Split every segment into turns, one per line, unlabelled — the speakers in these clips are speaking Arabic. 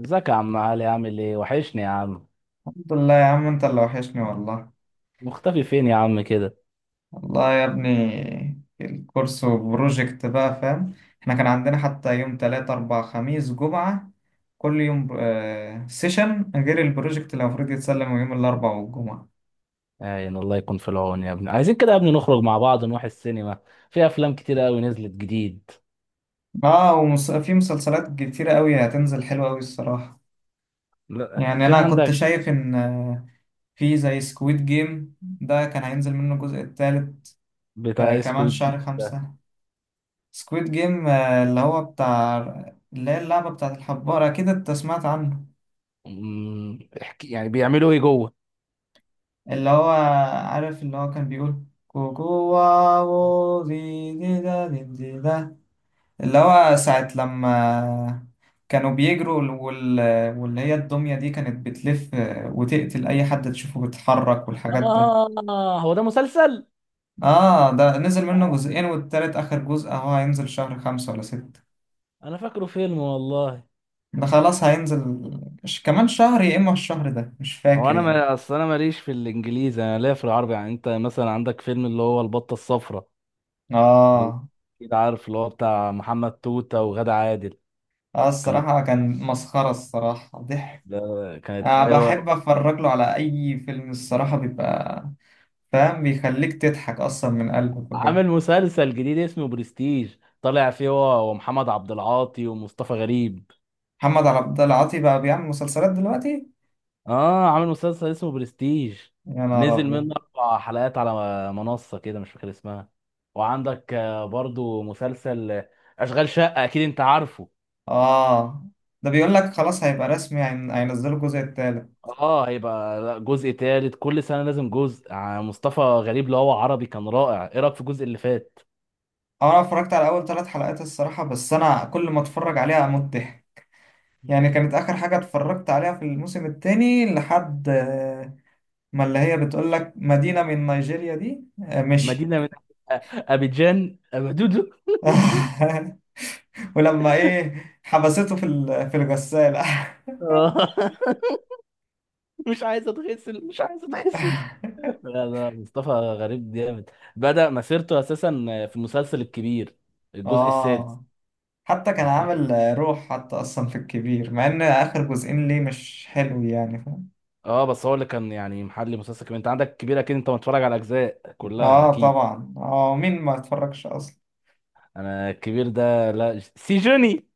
ازيك يا عم علي، عامل ايه؟ وحشني يا عم.
الحمد لله يا عم، انت اللي وحشني والله.
مختفي فين يا عم كده؟
والله يا ابني الكورس وبروجكت بقى، فاهم. احنا كان عندنا حتى يوم تلاتة أربعة خميس جمعة كل يوم سيشن، غير البروجكت اللي المفروض يتسلم يوم الأربعاء والجمعة.
عين الله يكون في العون يا ابني. عايزين كده يا ابني نخرج مع بعض، نروح السينما. في افلام كتير قوي نزلت جديد.
اه، وفي مسلسلات كتيرة قوي هتنزل حلوة قوي الصراحة.
لا،
يعني
في
أنا كنت
عندك.
شايف إن في زي سكويد جيم ده كان هينزل منه الجزء التالت.
بتاع
آه،
ايه،
كمان
سكويد
شهر
دي؟
خمسة. سكويد جيم اللي هو بتاع، اللي هي اللعبة بتاعت الحبارة، أكيد أنت سمعت عنه.
احكي يعني بيعملوا ايه جوه؟
اللي هو عارف، اللي هو كان بيقول كوكو واو دي دي دا دي دي دا، اللي هو ساعة لما كانوا بيجروا واللي هي الدمية دي كانت بتلف وتقتل أي حد تشوفه بيتحرك والحاجات ده.
اه، هو ده مسلسل؟
آه، ده نزل منه جزئين والتالت آخر جزء أهو هينزل شهر خمسة ولا ستة.
انا فاكره فيلم والله.
ده خلاص هينزل كمان شهر يا إما الشهر ده، مش
هو
فاكر
انا،
يعني.
ما اصل انا ماليش في الانجليزي، انا ليا في العربي، يعني انت مثلا عندك فيلم اللي هو البطه الصفراء. ال-
آه.
اكيد عارف اللي هو بتاع محمد توته وغادة عادل.
آه،
كان،
الصراحة كان مسخرة، الصراحة ضحك.
ده، كانت
أنا بحب
حلوة.
أتفرج له على أي فيلم، الصراحة بيبقى فاهم، بيخليك تضحك أصلا من قلبك وكده.
عامل مسلسل جديد اسمه برستيج، طالع فيه هو ومحمد عبد العاطي ومصطفى غريب.
محمد عبد العاطي بقى بيعمل مسلسلات دلوقتي؟
اه، عامل مسلسل اسمه برستيج.
يا نهار
نزل
أبيض.
منه اربع حلقات على منصة كده، مش فاكر اسمها. وعندك برضو مسلسل اشغال شقة، اكيد انت عارفه.
آه، ده بيقول لك خلاص هيبقى رسمي، هينزلوا الجزء التالت.
اه، هيبقى لا، جزء تالت، كل سنة لازم جزء. مصطفى غريب اللي هو عربي كان رائع. ايه رأيك في الجزء اللي فات؟
آه، أنا اتفرجت على أول ثلاث حلقات الصراحة، بس أنا كل ما أتفرج عليها أموت ضحك. يعني كانت آخر حاجة اتفرجت عليها في الموسم التاني لحد ما اللي هي بتقول لك مدينة من نيجيريا دي. آه، مشي.
مدينة من أبيجان أبدودو.
ولما ايه حبسته في الغسالة.
آه. مش عايز اتغسل، مش عايز اتغسل. لا، لا، مصطفى غريب جامد. بدأ مسيرته اساسا في المسلسل الكبير، الجزء السادس.
اه، حتى كان
انت
عامل.
اكيد.
روح حتى اصلا في الكبير، مع ان اخر جزئين ليه مش حلو يعني، فاهم.
اه، بس هو اللي كان يعني محلي مسلسل كبير. انت عندك الكبير اكيد، انت متفرج على اجزاء كلها
اه
اكيد.
طبعا. اه، مين ما اتفرجش اصلا.
انا الكبير ده، لا، سيجوني.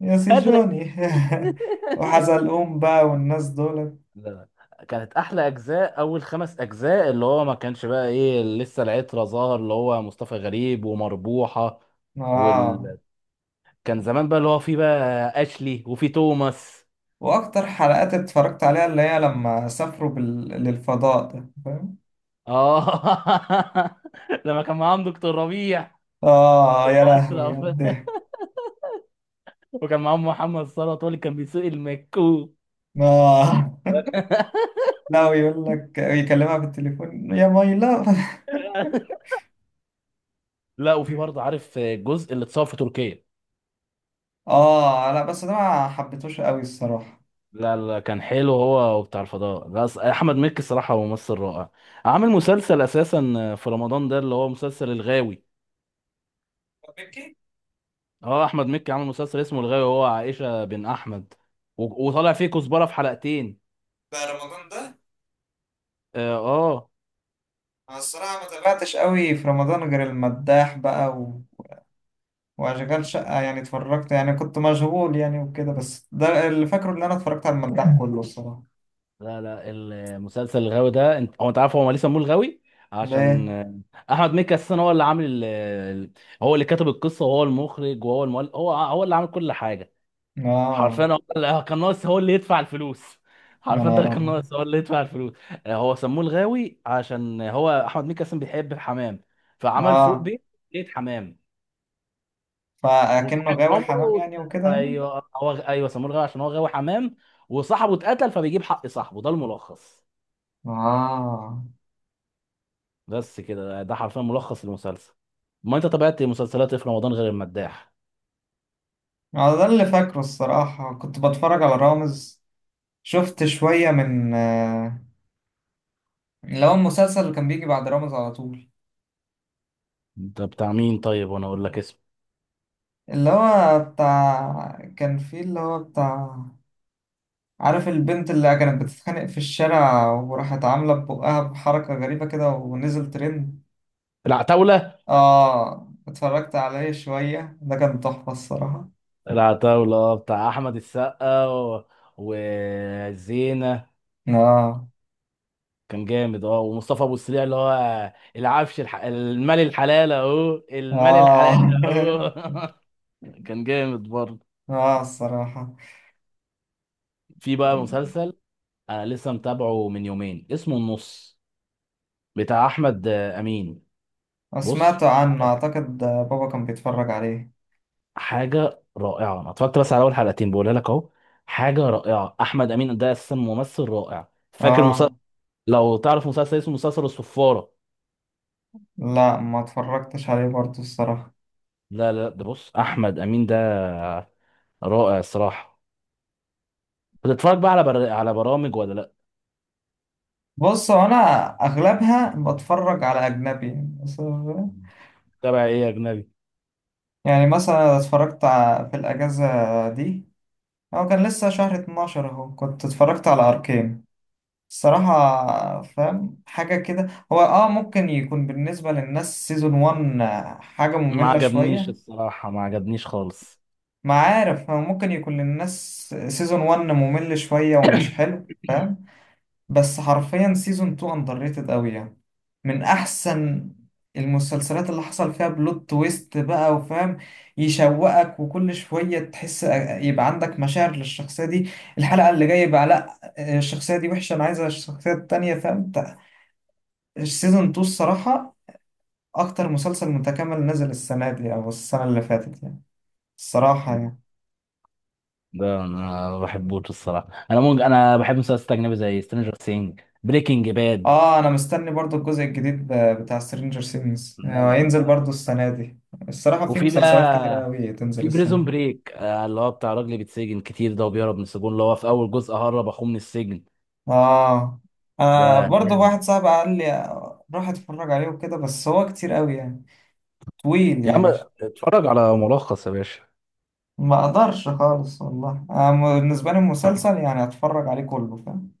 يا
هدري.
سيجوني. وحزلقوم بقى والناس دول.
لا، لا، كانت احلى اجزاء اول خمس اجزاء اللي هو ما كانش بقى ايه، لسه العترة ظاهر اللي هو مصطفى غريب ومربوحة.
اه.
وال... كان زمان بقى، اللي هو في بقى اشلي وفي توماس.
واكتر حلقات اتفرجت عليها اللي هي لما سافروا بال... للفضاء ده، فاهم.
اه. لما كان معاهم دكتور ربيع
اه، يا لهوي يا
واشرف.
الضحك.
وكان معاهم محمد صلاح، هو اللي كان بيسوق المكوك.
اه. لا، ويقول لك يكلمها بالتليفون يا ماي لاف.
لا، وفي برضه، عارف الجزء اللي اتصور في تركيا؟
اه، لا بس ده ما حبيتهوش قوي الصراحه.
لا، لا، كان حلو هو وبتاع الفضاء. لا، احمد مكي الصراحه هو ممثل رائع. عامل مسلسل اساسا في رمضان ده اللي هو مسلسل الغاوي.
بيكي.
اه، احمد مكي عامل مسلسل اسمه الغاوي، هو عائشه بن احمد. وطالع فيه كزبره في حلقتين.
بقى رمضان ده؟
اه. آه.
انا الصراحه ما تابعتش قوي في رمضان غير المداح بقى واشغال شقه يعني، اتفرجت يعني، كنت مشغول يعني وكده، بس ده اللي فاكره ان انا اتفرجت على المداح كله الصراحه.
لا، لا، المسلسل الغاوي ده، انت عارف هو ليه سموه الغاوي؟ عشان
ليه؟
احمد مكي اساسا هو اللي عامل هو اللي كتب القصه، وهو المخرج، وهو المؤلف، هو اللي عامل كل حاجه. حرفيا
اه.
كان ناقص هو اللي يدفع الفلوس.
يا
حرفيا ده
نهار
اللي كان
ابيض.
ناقص هو اللي يدفع الفلوس. هو سموه الغاوي عشان هو احمد مكي اصلا بيحب الحمام. فعمل فوق
اه،
بيت. بيت حمام.
فاكنه
وصاحب
غاوي حمام
عمره.
يعني وكده يعني.
ايوه، هو، ايوه، سموه الغاوي عشان هو غاوي حمام. وصاحبه اتقتل، فبيجيب حق صاحبه، ده الملخص.
اه.
بس كده، ده حرفيا ملخص المسلسل. ما انت تابعت مسلسلات ايه في رمضان غير المداح؟
على ده اللي فاكره الصراحة، كنت بتفرج على رامز. شفت شوية من اللي هو المسلسل اللي كان بيجي بعد رامز على طول.
انت بتاع مين طيب؟ وانا اقول لك اسمه.
اللي هو بتاع كان فيه اللي هو بتاع عارف البنت اللي كانت بتتخانق في الشارع وراحت عاملة ببقها بحركة غريبة كده ونزل ترند.
العتاولة.
اه، اتفرجت عليه شوية، ده كان تحفة الصراحة.
العتاولة، اه، بتاع احمد السقا و... وزينة.
اه.
كان جامد، اه، ومصطفى ابو السريع اللي هو العفش، المال الحلال، اهو المال
اه.
الحلال، اهو. كان جامد برضه.
اه الصراحة.
في بقى مسلسل، انا لسه متابعه من يومين، اسمه النص، بتاع احمد امين. بص،
سمعت عنه، اعتقد بابا كان بيتفرج عليه.
حاجه رائعه، انا اتفرجت بس على اول حلقتين، بقولها لك اهو. حاجه رائعه، احمد امين ده اساسا ممثل رائع. فاكر
اه،
مسلسل، لو تعرف مسلسل اسمه مسلسل الصفاره؟
لا ما اتفرجتش عليه برضه الصراحة.
لا، لا، لا، ده بص، احمد امين ده رائع الصراحه. بتتفرج بقى على برامج ولا لا؟
بص، هو انا اغلبها بتفرج على اجنبي. بس-
تابع ايه يا اجنبي؟
يعني مثلا اتفرجت في الاجازة دي، هو كان لسه شهر 12 اهو، كنت اتفرجت على اركين الصراحة، فاهم حاجة كده. هو اه ممكن يكون بالنسبة للناس سيزون 1 حاجة
ما
مملة
عجبنيش
شوية.
الصراحه، ما عجبنيش خالص.
ما عارف، هو ممكن يكون للناس سيزون 1 ممل شوية ومش حلو، فاهم. بس حرفيا سيزون 2 اندر ريتد قوي يعني، من احسن المسلسلات اللي حصل فيها بلوت تويست بقى، وفاهم يشوقك، وكل شوية تحس يبقى عندك مشاعر للشخصية دي، الحلقة اللي جاية يبقى لا، الشخصية دي وحشة انا عايزة الشخصية التانية، فاهم. السيزون 2 الصراحة اكتر مسلسل متكامل نزل السنة دي او السنة اللي فاتت يعني، الصراحة
مم.
يعني.
ده انا ما بحبوش الصراحه. انا ممكن، انا بحب مسلسلات اجنبي زي سترينجر سينج، بريكنج باد.
اه، انا مستني برضو الجزء الجديد بتاع سترينجر سينجز
لا، لا،
هينزل
ده،
برضو السنة دي. الصراحة في
وفي بقى،
مسلسلات كتيرة أوي تنزل
في بريزون
السنة.
بريك، اللي هو بتاع راجل بيتسجن كتير ده، وبيهرب من السجون، اللي هو في اول جزء هرب اخوه من السجن.
اه. انا
ده
برضه
جامد.
واحد صاحبي قال لي روح اتفرج عليه وكده، بس هو كتير قوي يعني، طويل
يا عم،
يعني.
اتفرج على ملخص يا باشا.
ما اقدرش خالص والله أنا بالنسبه لي المسلسل يعني اتفرج عليه كله، فاهم.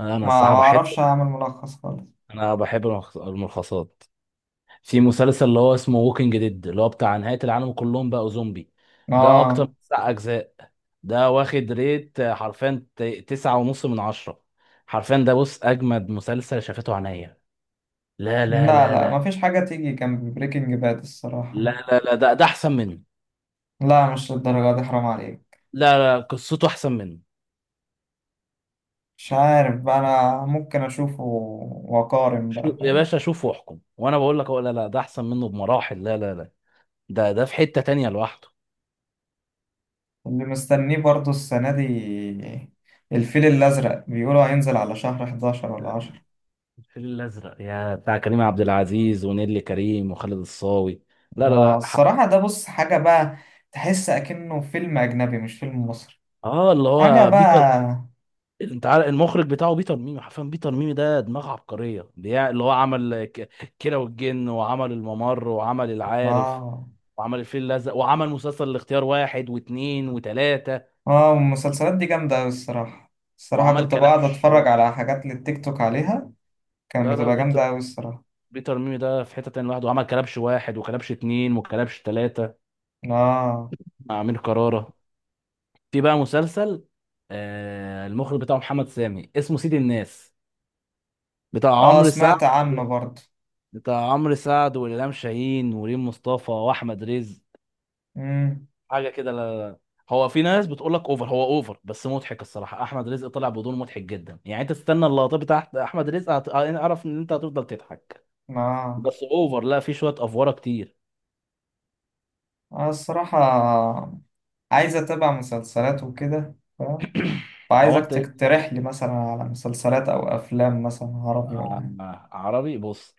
انا
ما
الصراحه
ما
بحب،
اعرفش اعمل ملخص خالص.
انا بحب الملخصات. في مسلسل اللي هو اسمه ووكينج ديد، اللي هو بتاع نهايه العالم، كلهم بقوا زومبي. ده اكتر
اه.
من تسع اجزاء. ده واخد ريت حرفيا تسعة ونص من عشرة. حرفيا ده بص، اجمد مسلسل شافته عينيا. لا، لا،
لا
لا،
لا،
لا.
ما فيش حاجه تيجي جنب بريكنج باد
لا،
الصراحه.
لا، لا، ده احسن منه.
لا، مش للدرجه دي، حرام عليك.
لا، لا، قصته احسن منه.
مش عارف بقى، انا ممكن اشوفه واقارن
شو
بقى.
يا باشا، شوف واحكم، وانا بقول لك أهو. لا، لا، ده احسن منه بمراحل، لا، لا، لا. ده في حتة تانية لوحده.
اللي مستنيه برضو السنة دي الفيل الأزرق، بيقولوا هينزل على شهر 11 ولا 10.
الفيل الازرق يا بتاع كريم عبد العزيز، ونيللي كريم، وخالد الصاوي؟ لا، لا،
آه
لا،
الصراحة ده، بص حاجة بقى، تحس أكنه فيلم أجنبي مش فيلم مصري،
اه، اللي
حاجة
هو بيتر.
بقى.
انت عارف المخرج بتاعه بيتر ميمي؟ حرفيا بيتر ميمي ده دماغ عبقريه، اللي هو عمل كيرة والجن، وعمل الممر، وعمل العارف،
آه.
وعمل الفيل الازرق، وعمل مسلسل الاختيار واحد واثنين وثلاثه.
آه، المسلسلات دي جامدة أوي الصراحة. الصراحة
وعمل
كنت بقعد
كلبش و...
أتفرج على حاجات للتيك توك عليها، كانت
لا، لا،
بتبقى
بيتر.
جامدة أوي الصراحة.
بيتر ميمي ده في حتة تانية لوحده، وعمل كلبش واحد، وكلبش اتنين، وكلبش تلاتة،
آه.
مع أمير كرارة. في بقى مسلسل، المخرج بتاعه محمد سامي، اسمه سيد الناس، بتاع
آه،
عمرو سعد.
سمعت عنه برضو.
بتاع عمرو سعد، وإلهام شاهين، وريم مصطفى، وأحمد رزق.
مم.
حاجة كده. لا، لا، لا. هو في ناس بتقول لك اوفر. هو اوفر بس مضحك، الصراحة أحمد رزق طلع بدون مضحك جدا. يعني أنت تستنى اللقطات بتاعت أحمد رزق، أعرف إن أنت هتفضل تضحك.
آه.
بس اوفر، لا، في شوية أفوارة كتير.
آه الصراحة، عايز أتابع مسلسلات وكده،
هو
فعايزك
أنت إيه؟
تقترح لي مثلا على مسلسلات أو أفلام مثلا عربي ولا حاجة.
عربي، بص.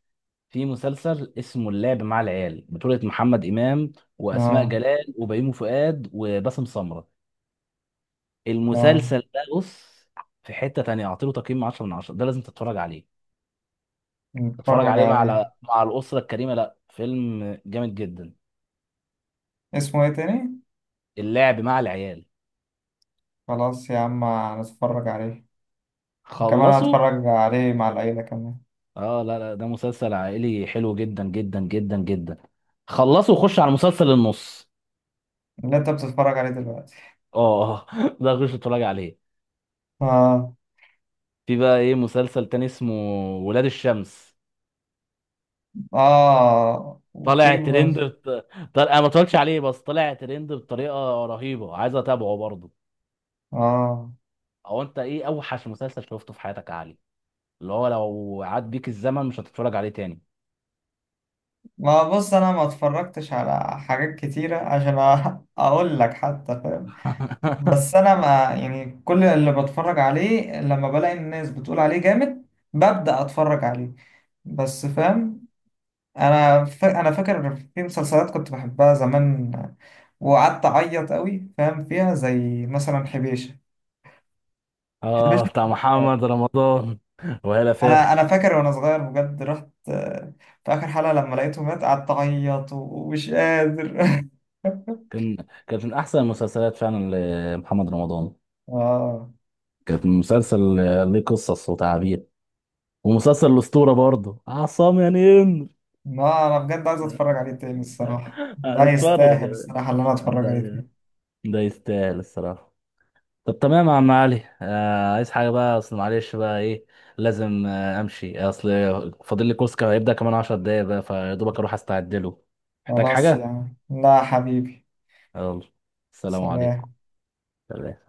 في مسلسل اسمه اللعب مع العيال، بطولة محمد إمام، وأسماء
آه.
جلال، وبيومي فؤاد، وباسم سمرة.
آه.
المسلسل ده بص، في حتة تانية، أعطيله تقييم 10 من 10، ده لازم تتفرج عليه. تتفرج
نتفرج
عليه مع
عليه.
مع الأسرة الكريمة. لا، فيلم جامد جدا.
اسمه إيه تاني؟
اللعب مع العيال.
خلاص يا عم هنتفرج عليه. كمان
خلصوا.
هتفرج عليه مع العيلة كمان.
اه، لا، لا، ده مسلسل عائلي حلو جدا جدا جدا جدا. خلصوا وخش على مسلسل النص.
اللي أنت بتتفرج عليه دلوقتي؟
اه. ده خش اتفرج عليه.
آه.
في بقى ايه مسلسل تاني، اسمه ولاد الشمس.
آه
طالع
وفي بس.
ترند انا ما اتفرجتش عليه، بس طالع ترند بطريقه رهيبه، عايز اتابعه برضه.
آه.
او انت ايه اوحش مسلسل شفته في حياتك يا علي، اللي هو لو عاد بيك الزمن مش هتتفرج عليه تاني؟
ما بص، أنا ما اتفرجتش على حاجات كتيرة عشان أقول لك حتى، فاهم. بس انا ما، يعني كل اللي بتفرج عليه لما بلاقي الناس بتقول عليه جامد ببدأ اتفرج عليه، بس فاهم. انا فاكر في مسلسلات كنت بحبها زمان وقعدت اعيط قوي فاهم فيها، زي مثلا حبيشة. حبيشة
اه، بتاع
كان مرعب.
محمد رمضان، وهلا
انا
فاخر.
انا فاكر وانا صغير بجد، رحت في اخر حلقة لما لقيته مات قعدت اعيط ومش قادر.
كان، كانت من احسن المسلسلات فعلا لمحمد رمضان.
اه،
كانت مسلسل ليه قصص وتعابير. ومسلسل الاسطوره برضه، عصام يا نين.
ما انا بجد عايز اتفرج عليه تاني الصراحة، ده
هنتفرج يا
يستاهل
بنت.
الصراحة اللي انا اتفرج
ده،
عليه تاني.
ده يستاهل الصراحة. طب تمام يا عم علي. عايز حاجة بقى؟ أصل معلش بقى، إيه، لازم أمشي، أصل فاضل لي كوسكا، هيبدأ كمان عشر دقايق بقى، فيا دوبك أروح أستعد له. محتاج
خلاص يا
حاجة؟
عم. لا حبيبي.
يلا، السلام عليكم.
سلام.
سلام.